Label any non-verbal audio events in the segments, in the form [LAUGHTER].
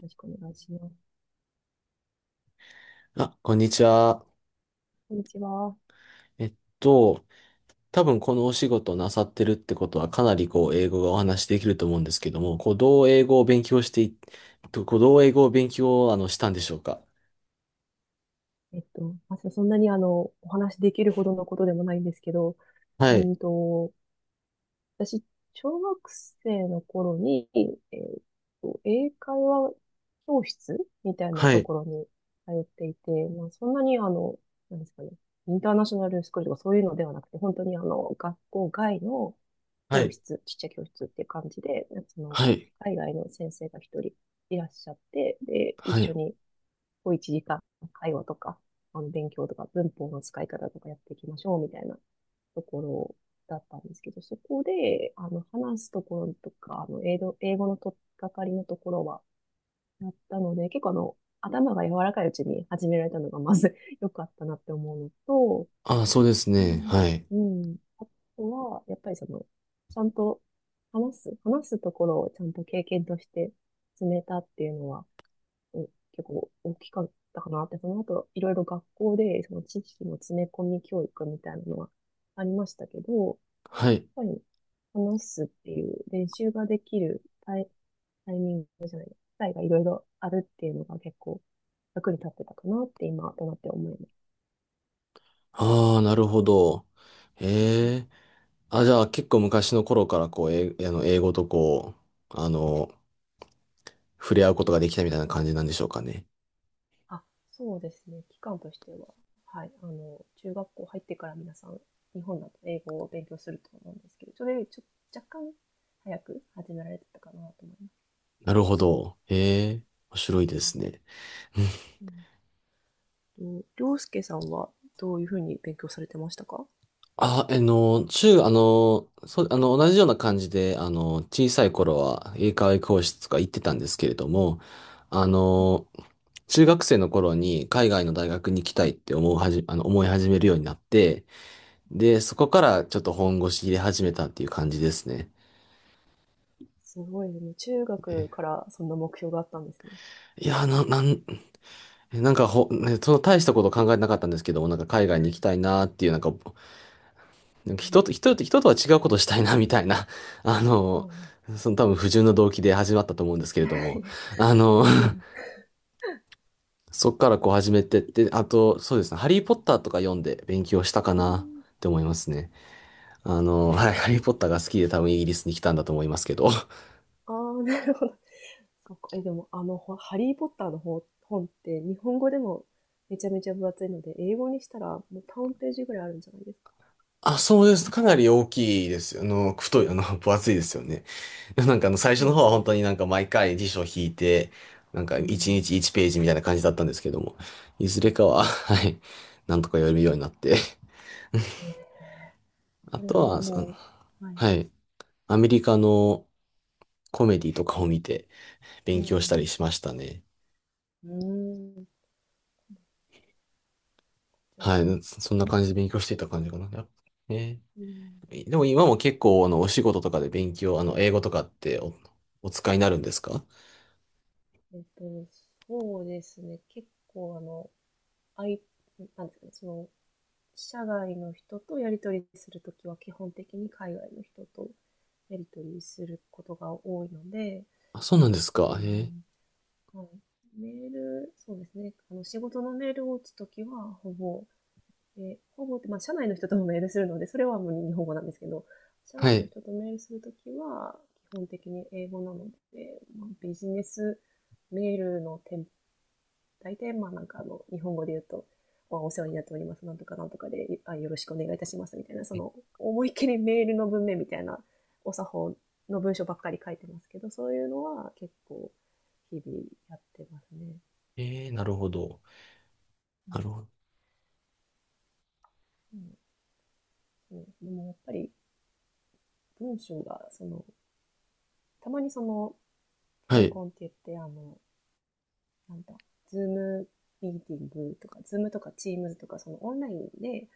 よろしくお願いします。あ、こんにちは。こんにちは。えっと、多分このお仕事なさってるってことはかなりこう英語がお話しできると思うんですけども、こうどう英語を勉強してい、とこうどう英語を勉強をしたんでしょうか？まさそんなにお話できるほどのことでもないんですけど、うはーい。んと、私、小学生の頃に、英会話教室みたいなはとい。ころに通っていて、まあ、そんなになんですかね、インターナショナルスクールとかそういうのではなくて、本当に学校外のは教い。室、ちっちゃい教室っていう感じで、その、はい。海外の先生が一人いらっしゃって、で、一は緒い。に、こう1時間会話とか、勉強とか、文法の使い方とかやっていきましょうみたいなところだったんですけど、そこで、話すところとか、英語の取っかかりのところはやったので、結構頭が柔らかいうちに始められたのがまず [LAUGHS] 良かったなって思うのと、あ、そうですね。はい。うん。あとは、やっぱりその、ちゃんと話すところをちゃんと経験として積めたっていうのは、うん結構大きかったかなって、その後いろいろ学校でその知識の詰め込み教育みたいなのはありましたけど、やっはい。ぱり話すっていう練習ができるタイミングじゃない、機会がいろいろあるっていうのが結構役に立ってたかなって今となって思います。ああ、なるほど。ええ。あ、じゃあ結構昔の頃からこう、え、あの、英語とう、あの、触れ合うことができたみたいな感じなんでしょうかね。あ、そうですね。期間としては、はい、中学校入ってから皆さん日本だと英語を勉強すると思うんですけど、それより若干早く始められてたかなと思います。なるほど。ええ、面白いうでんすね。うんと、りょうすけさんはどういうふうに勉強されてましたか？あ、あの、中、あの、そう、同じような感じで、小さい頃は英会話教室とか行ってたんですけれども、あうんの、中学生の頃に海外の大学に行きたいって思うはじ、あの、思い始めるようになって、で、そこからちょっと本腰入れ始めたっていう感じですね。すごいね。中学かえらそんな目標があったんですね。いや、なんかねその大したこと考えてなかったんですけども、なんか海外に行きたいなっていう、うなんかん、人とは違うことをしたいな、みたいな、[LAUGHS] あはの、い。 多分不純な動機で始まったと思うんですけれども、あ [LAUGHS] の、全然。[LAUGHS] そっからこう始めてって、あと、そうですね、ハリーポッターとか読んで勉強したかうなん。って思いますね。はい、ハリーポッターが好きで多分イギリスに来たんだと思いますけど。ああ、なるほど。そっか。え、でも、ハリー・ポッターの本って、日本語でもめちゃめちゃ分厚いので、英語にしたらもう3ページぐらいあるんじゃないですか。あ、そうです。かなり大きいです。あの、太い、あの、[LAUGHS] 分厚いですよね。[LAUGHS] で最初そうので方はすよ本ね。当になんか毎回辞書を引いて、なんかう1ん。日1ページみたいな感じだったんですけども、いずはれかい。は、[LAUGHS] はい、なんとか読めるようになって。[LAUGHS] えーあそれとはは、もう、はい。はい、アメリカのコメディとかを見てう勉強しん。たりしましたね。うん。うん。じゃはあ、い、そそんな感じで勉強していた感じかな。ね、うん。でも今も結構、お仕事とかで勉強、あの、英語とかってお使いになるんですか？えっと、そうですね。結構、あい、なんですかね、社外の人とやり取りするときは、基本的に海外の人とやり取りすることが多いので、あ、そうなんですうか。ん、はい。メール、そうですね。仕事のメールを打つときは、ほぼって、まあ、社内の人ともメールするので、それはもう日本語なんですけど、社は外のい。人とメールするときは、基本的に英語なので、まあ、ビジネスメールの大体、まあなんか日本語で言うと、お世話になっております、なんとかなんとかで、よろしくお願いいたします、みたいな、そえの、思いっきりメールの文面みたいな、お作法の文章ばっかり書いてますけど、そういうのは結構、日々やってますね。えー、なるほど。うなん。るほど。うん、でもやっぱり、文章が、たまにテはレい。コンって言って、なんだ、ズームミーティングとか、ズームとかチームズとか、そのオンラインで、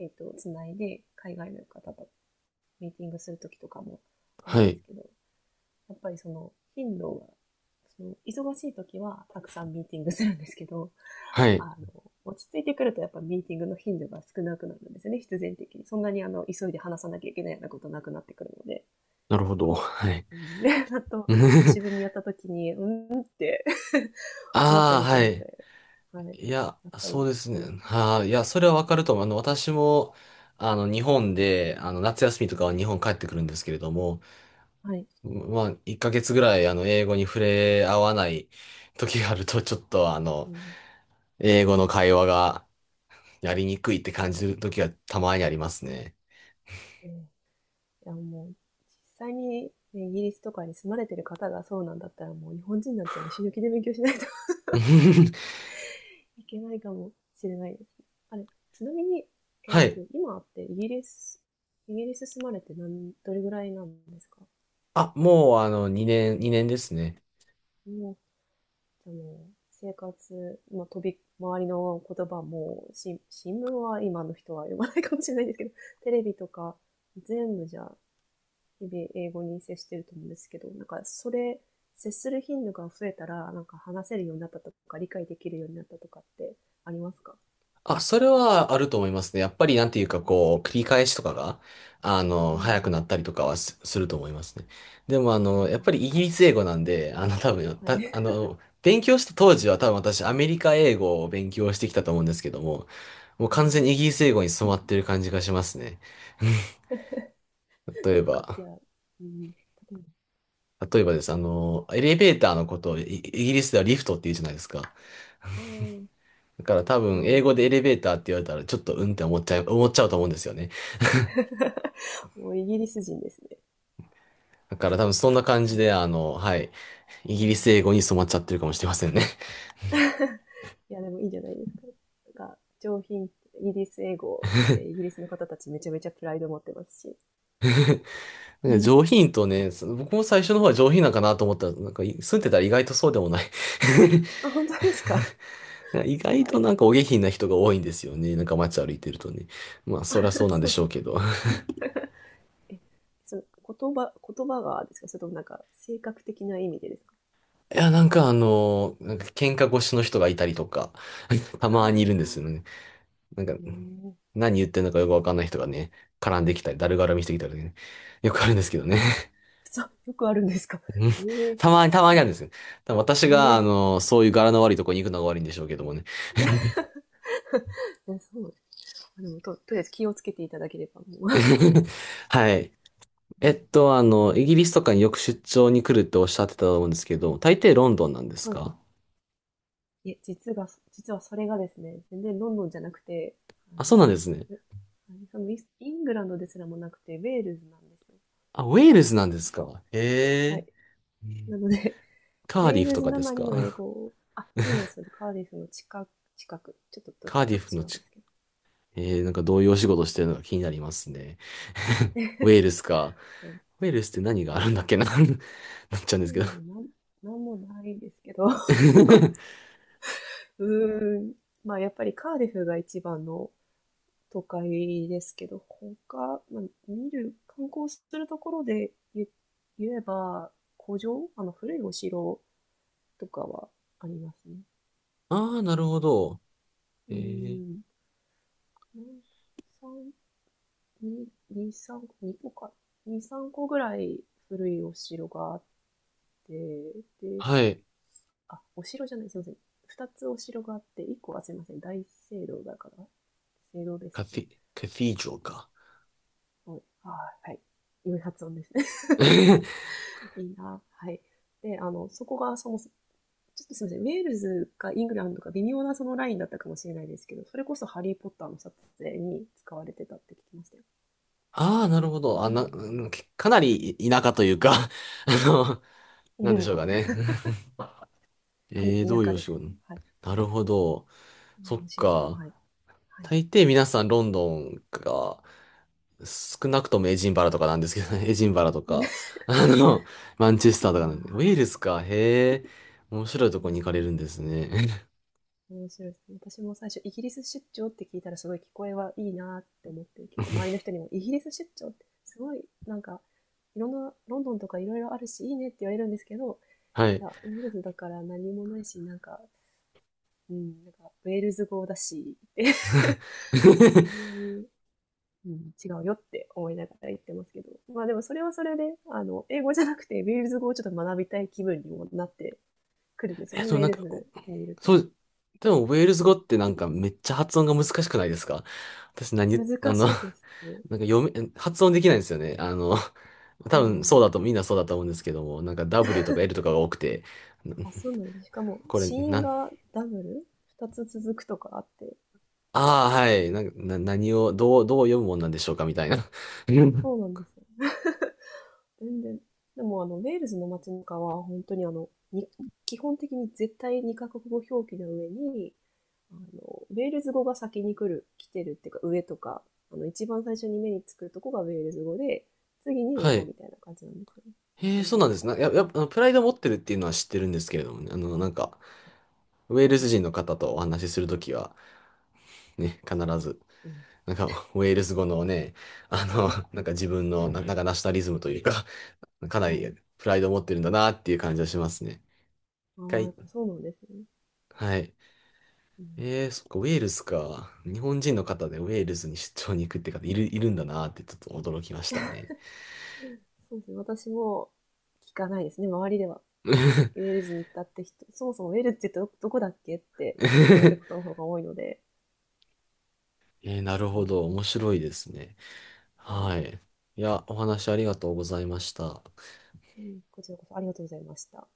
つないで、海外の方とミーティングするときとかもあるはんでい。すけど、やっぱりその頻度が、その忙しいときはたくさんミーティングするんですけど、はあい。の、落ち着いてくるとやっぱミーティングの頻度が少なくなるんですよね、必然的に。そんなに急いで話さなきゃいけないようなことなくなってくるので。なるほど。はい。うん、[LAUGHS] で、あと、久しぶりにや [LAUGHS] ったときに、うんって思ったありあ、すはるのい。で、はい。やいや、っぱり、そうですうね。ん。はあ、いや、それはわかると思う。私も、日本で、夏休みとかは日本帰ってくるんですけれども、はい。まあ、1ヶ月ぐらい、英語に触れ合わない時があると、ちょっと、うん。英語の会話がやりにくいって感じる時がたまにありますね。えーいや、もう、実際に、ね、イギリスとかに住まれてる方がそうなんだったら、もう日本人なんてもう死ぬ気で勉強しないと [LAUGHS] [LAUGHS] いけないかもしれないです。あれ、ちなみに、はい。今ってイギリス住まれてどれぐらいなんですか？あ、もう2年、2年ですね。もう、じゃあもう、生活、まあ、周りの言葉も、新聞は今の人は読まないかもしれないですけど、テレビとか、全部じゃあ日々英語に接してると思うんですけど、なんかそれ、接する頻度が増えたら、なんか話せるようになったとか、理解できるようになったとかってありますか？あ、それはあると思いますね。やっぱりなんていうかう繰り返しとかが、早くん。なったりとかはすると思いますね。でもうやっん。ぱりイギリス英語なんで、多分、ああ、はた、い。あの、勉強した当時は多分私アメリカ英語を勉強してきたと思うんですけども、もうああ、完全にイギリス英語に染まってる感じがしますね。[LAUGHS] 例え深いば、や、うん。例え例えばです。エレベーターのことをイイギリスではリフトって言うじゃないですか。ば。ああ、だから多分、そうで英す語でエね。レベーターって言われたら、ちょっとうんって思っちゃうと思うんですよね。[LAUGHS] もうイギリス人ですね。だから多分そんな感じで、はい、イうギリスん。英語に染まっちゃってるかもしれませんね。いや、でもいいんじゃないですか。なんか、イギリス英語ってイギ [LAUGHS] リスの方たちめちゃめちゃプライド持ってますし。なんうかん。上品とね、僕も最初の方は上品なんかなと思ったら、なんか住んでたら意外とそうでもない [LAUGHS] あ、本当ですか？意外あとれ。 なんかお下品な人が多いんですよね。なんか街歩いてるとね。まあ、そりゃそう [LAUGHS] なんでそうしなょん。うけど。えその言葉がですか？それともなんか、性格的な意味でですか？いや、なんかなんか喧嘩腰の人がいたりとか、[LAUGHS] たあまにいるんですよあ、ね。なんか、え何言ってんのかよくわかんない人がね、絡んできたり、だるがらみしてきたりね、よくあるんですけどね。え。そう、よくあるんですか？ [LAUGHS] うんええ。そたまうになあるんでんだ。すよ。多分私えが、え。そういう柄の悪いとこに行くのが悪いんでしょうけどもね。いや、そう。でもとりあえず気をつけていただければもう。[LAUGHS] はい。[LAUGHS] うん。イギリスとかによく出張に来るっておっしゃってたと思うんですけど、大抵ロンドンなんで [LAUGHS] すはい。か？いえ、実はそれがですね、全然ロンドンじゃなくて、ああ、そうなんの、ですね。あれ、そのイングランドですらもなくて、ウェールズなんですよ。あ、ウェールズなんですか？へはい。え。なので、ウカーデェーィフルとズかなですまりの英か？ 語。あ、そうです、そうです。カーディフの近く、近く。[LAUGHS] カーちデょィっフと違のうんち、ですけど。うなんん、かどういうお仕事してるのか気になりますね。[LAUGHS] ウェールスか。ウェールスって何ウがェあールるんズ、だっはい。けな [LAUGHS]、なっちゃうんウでェすけーど ルズなんもないんですけど。[LAUGHS] う [LAUGHS]。ーん。まあ、やっぱりカーディフが一番の都会ですけど、他、まあ、観光するところで言えば、あの、古いお城とかはありますね。ああ、なるほど。うえーー、ん。なん三に2、3、2個か、2、3個ぐらい古いお城があって、で、はい。あ、お城じゃない、すいません。2つお城があって、1個はすいません、大聖堂だから、聖堂ですカティ、カティージョか。ね。はい。はい。良い発音ですね。[LAUGHS] [LAUGHS] いいな。はい。で、そこがそもそも、ちょっとすみません、ウェールズかイングランドか微妙なそのラインだったかもしれないですけど、それこそハリー・ポッターの撮影に使われてたって聞きましたよ。ああ、なるほど。うんかなり田舎というか [LAUGHS]、の、なうんでしん。ょうかね。[LAUGHS] ど田ういう舎おで仕す。事はい。なるほど。そっお仕事も、か。はい。はい。大抵皆さんロンドンが少なくともエジンバラとかなんですけどね。[LAUGHS] エジンバラとか、[LAUGHS] あの、マンチェスターとまかなんで。ウあ、ェールズか、へえ。面白いといこやに行かれるんですね。ー面白いですね。私も最初、イギリス出張って聞いたら、すごい聞こえはいいなって思って、結構周り [LAUGHS] の人にも、イギリス出張って、すごい、なんか、いろんな、ロンドンとかいろいろあるし、いいねって言われるんですけど、はいい。や、ウェールズだから何もないし、なんか、うん、なんか、ウェールズ語だし、って [LAUGHS] あん [LAUGHS] まり、うん、違うよって思いながら言ってますけど、まあでもそれはそれで、英語じゃなくて、ウェールズ語をちょっと学びたい気分にもなってくるんですよね、ウェなーんルか、ズにいると。そう、でも、ウェールズ語ってなんかめっちゃ発音が難しくないですか？私何言、難あの、しいです。[LAUGHS] なんか発音できないんですよね。あの、う多分ん。そうだと、みんなそうだと思うんですけども、なんか W とか L とかが多くて、なあ、そうなんです。しかも、これ、死因なん、がダブル二つ続くとかあって、ああ、はい。なんか、何を、どう読むもんなんでしょうかみたいな。[LAUGHS] そうなんですよ。全然。でも、ウェールズの街中は、本当に基本的に絶対にカ国語表記の上に、ウェールズ語が先に来てるっていうか、上とか、一番最初に目につくとこがウェールズ語で、次に英は語い。みたいな感じなんですよね。へ看え、そう板なんとですか。ね。やっぱ、プライドを持ってるっていうのは知ってるんですけれどもね。なんか、ウェールズ人の方とお話しするときは、ね、必ず、うん。なんか、ェールズ語のね、なんか自分の、なんかナショナリズムというか、かなうん、はい。りプライドを持ってるんだなっていう感じはしますね。一ああ、やっぱ回、そうなんですね。はい。うん、そっか、ウェールズか。日本人の方でウェールズに出張に行くって方いるんだなってちょっと驚きましたね。そうですね。私も聞かないですね、周りでは。[LAUGHS] えウェールズに行ったって人、そもそもウェールズってどこだっけって言われることの方が多いので、なるほど。う面白いですね。はい。いや、お話ありがとうございました。ん、こちらこそありがとうございました。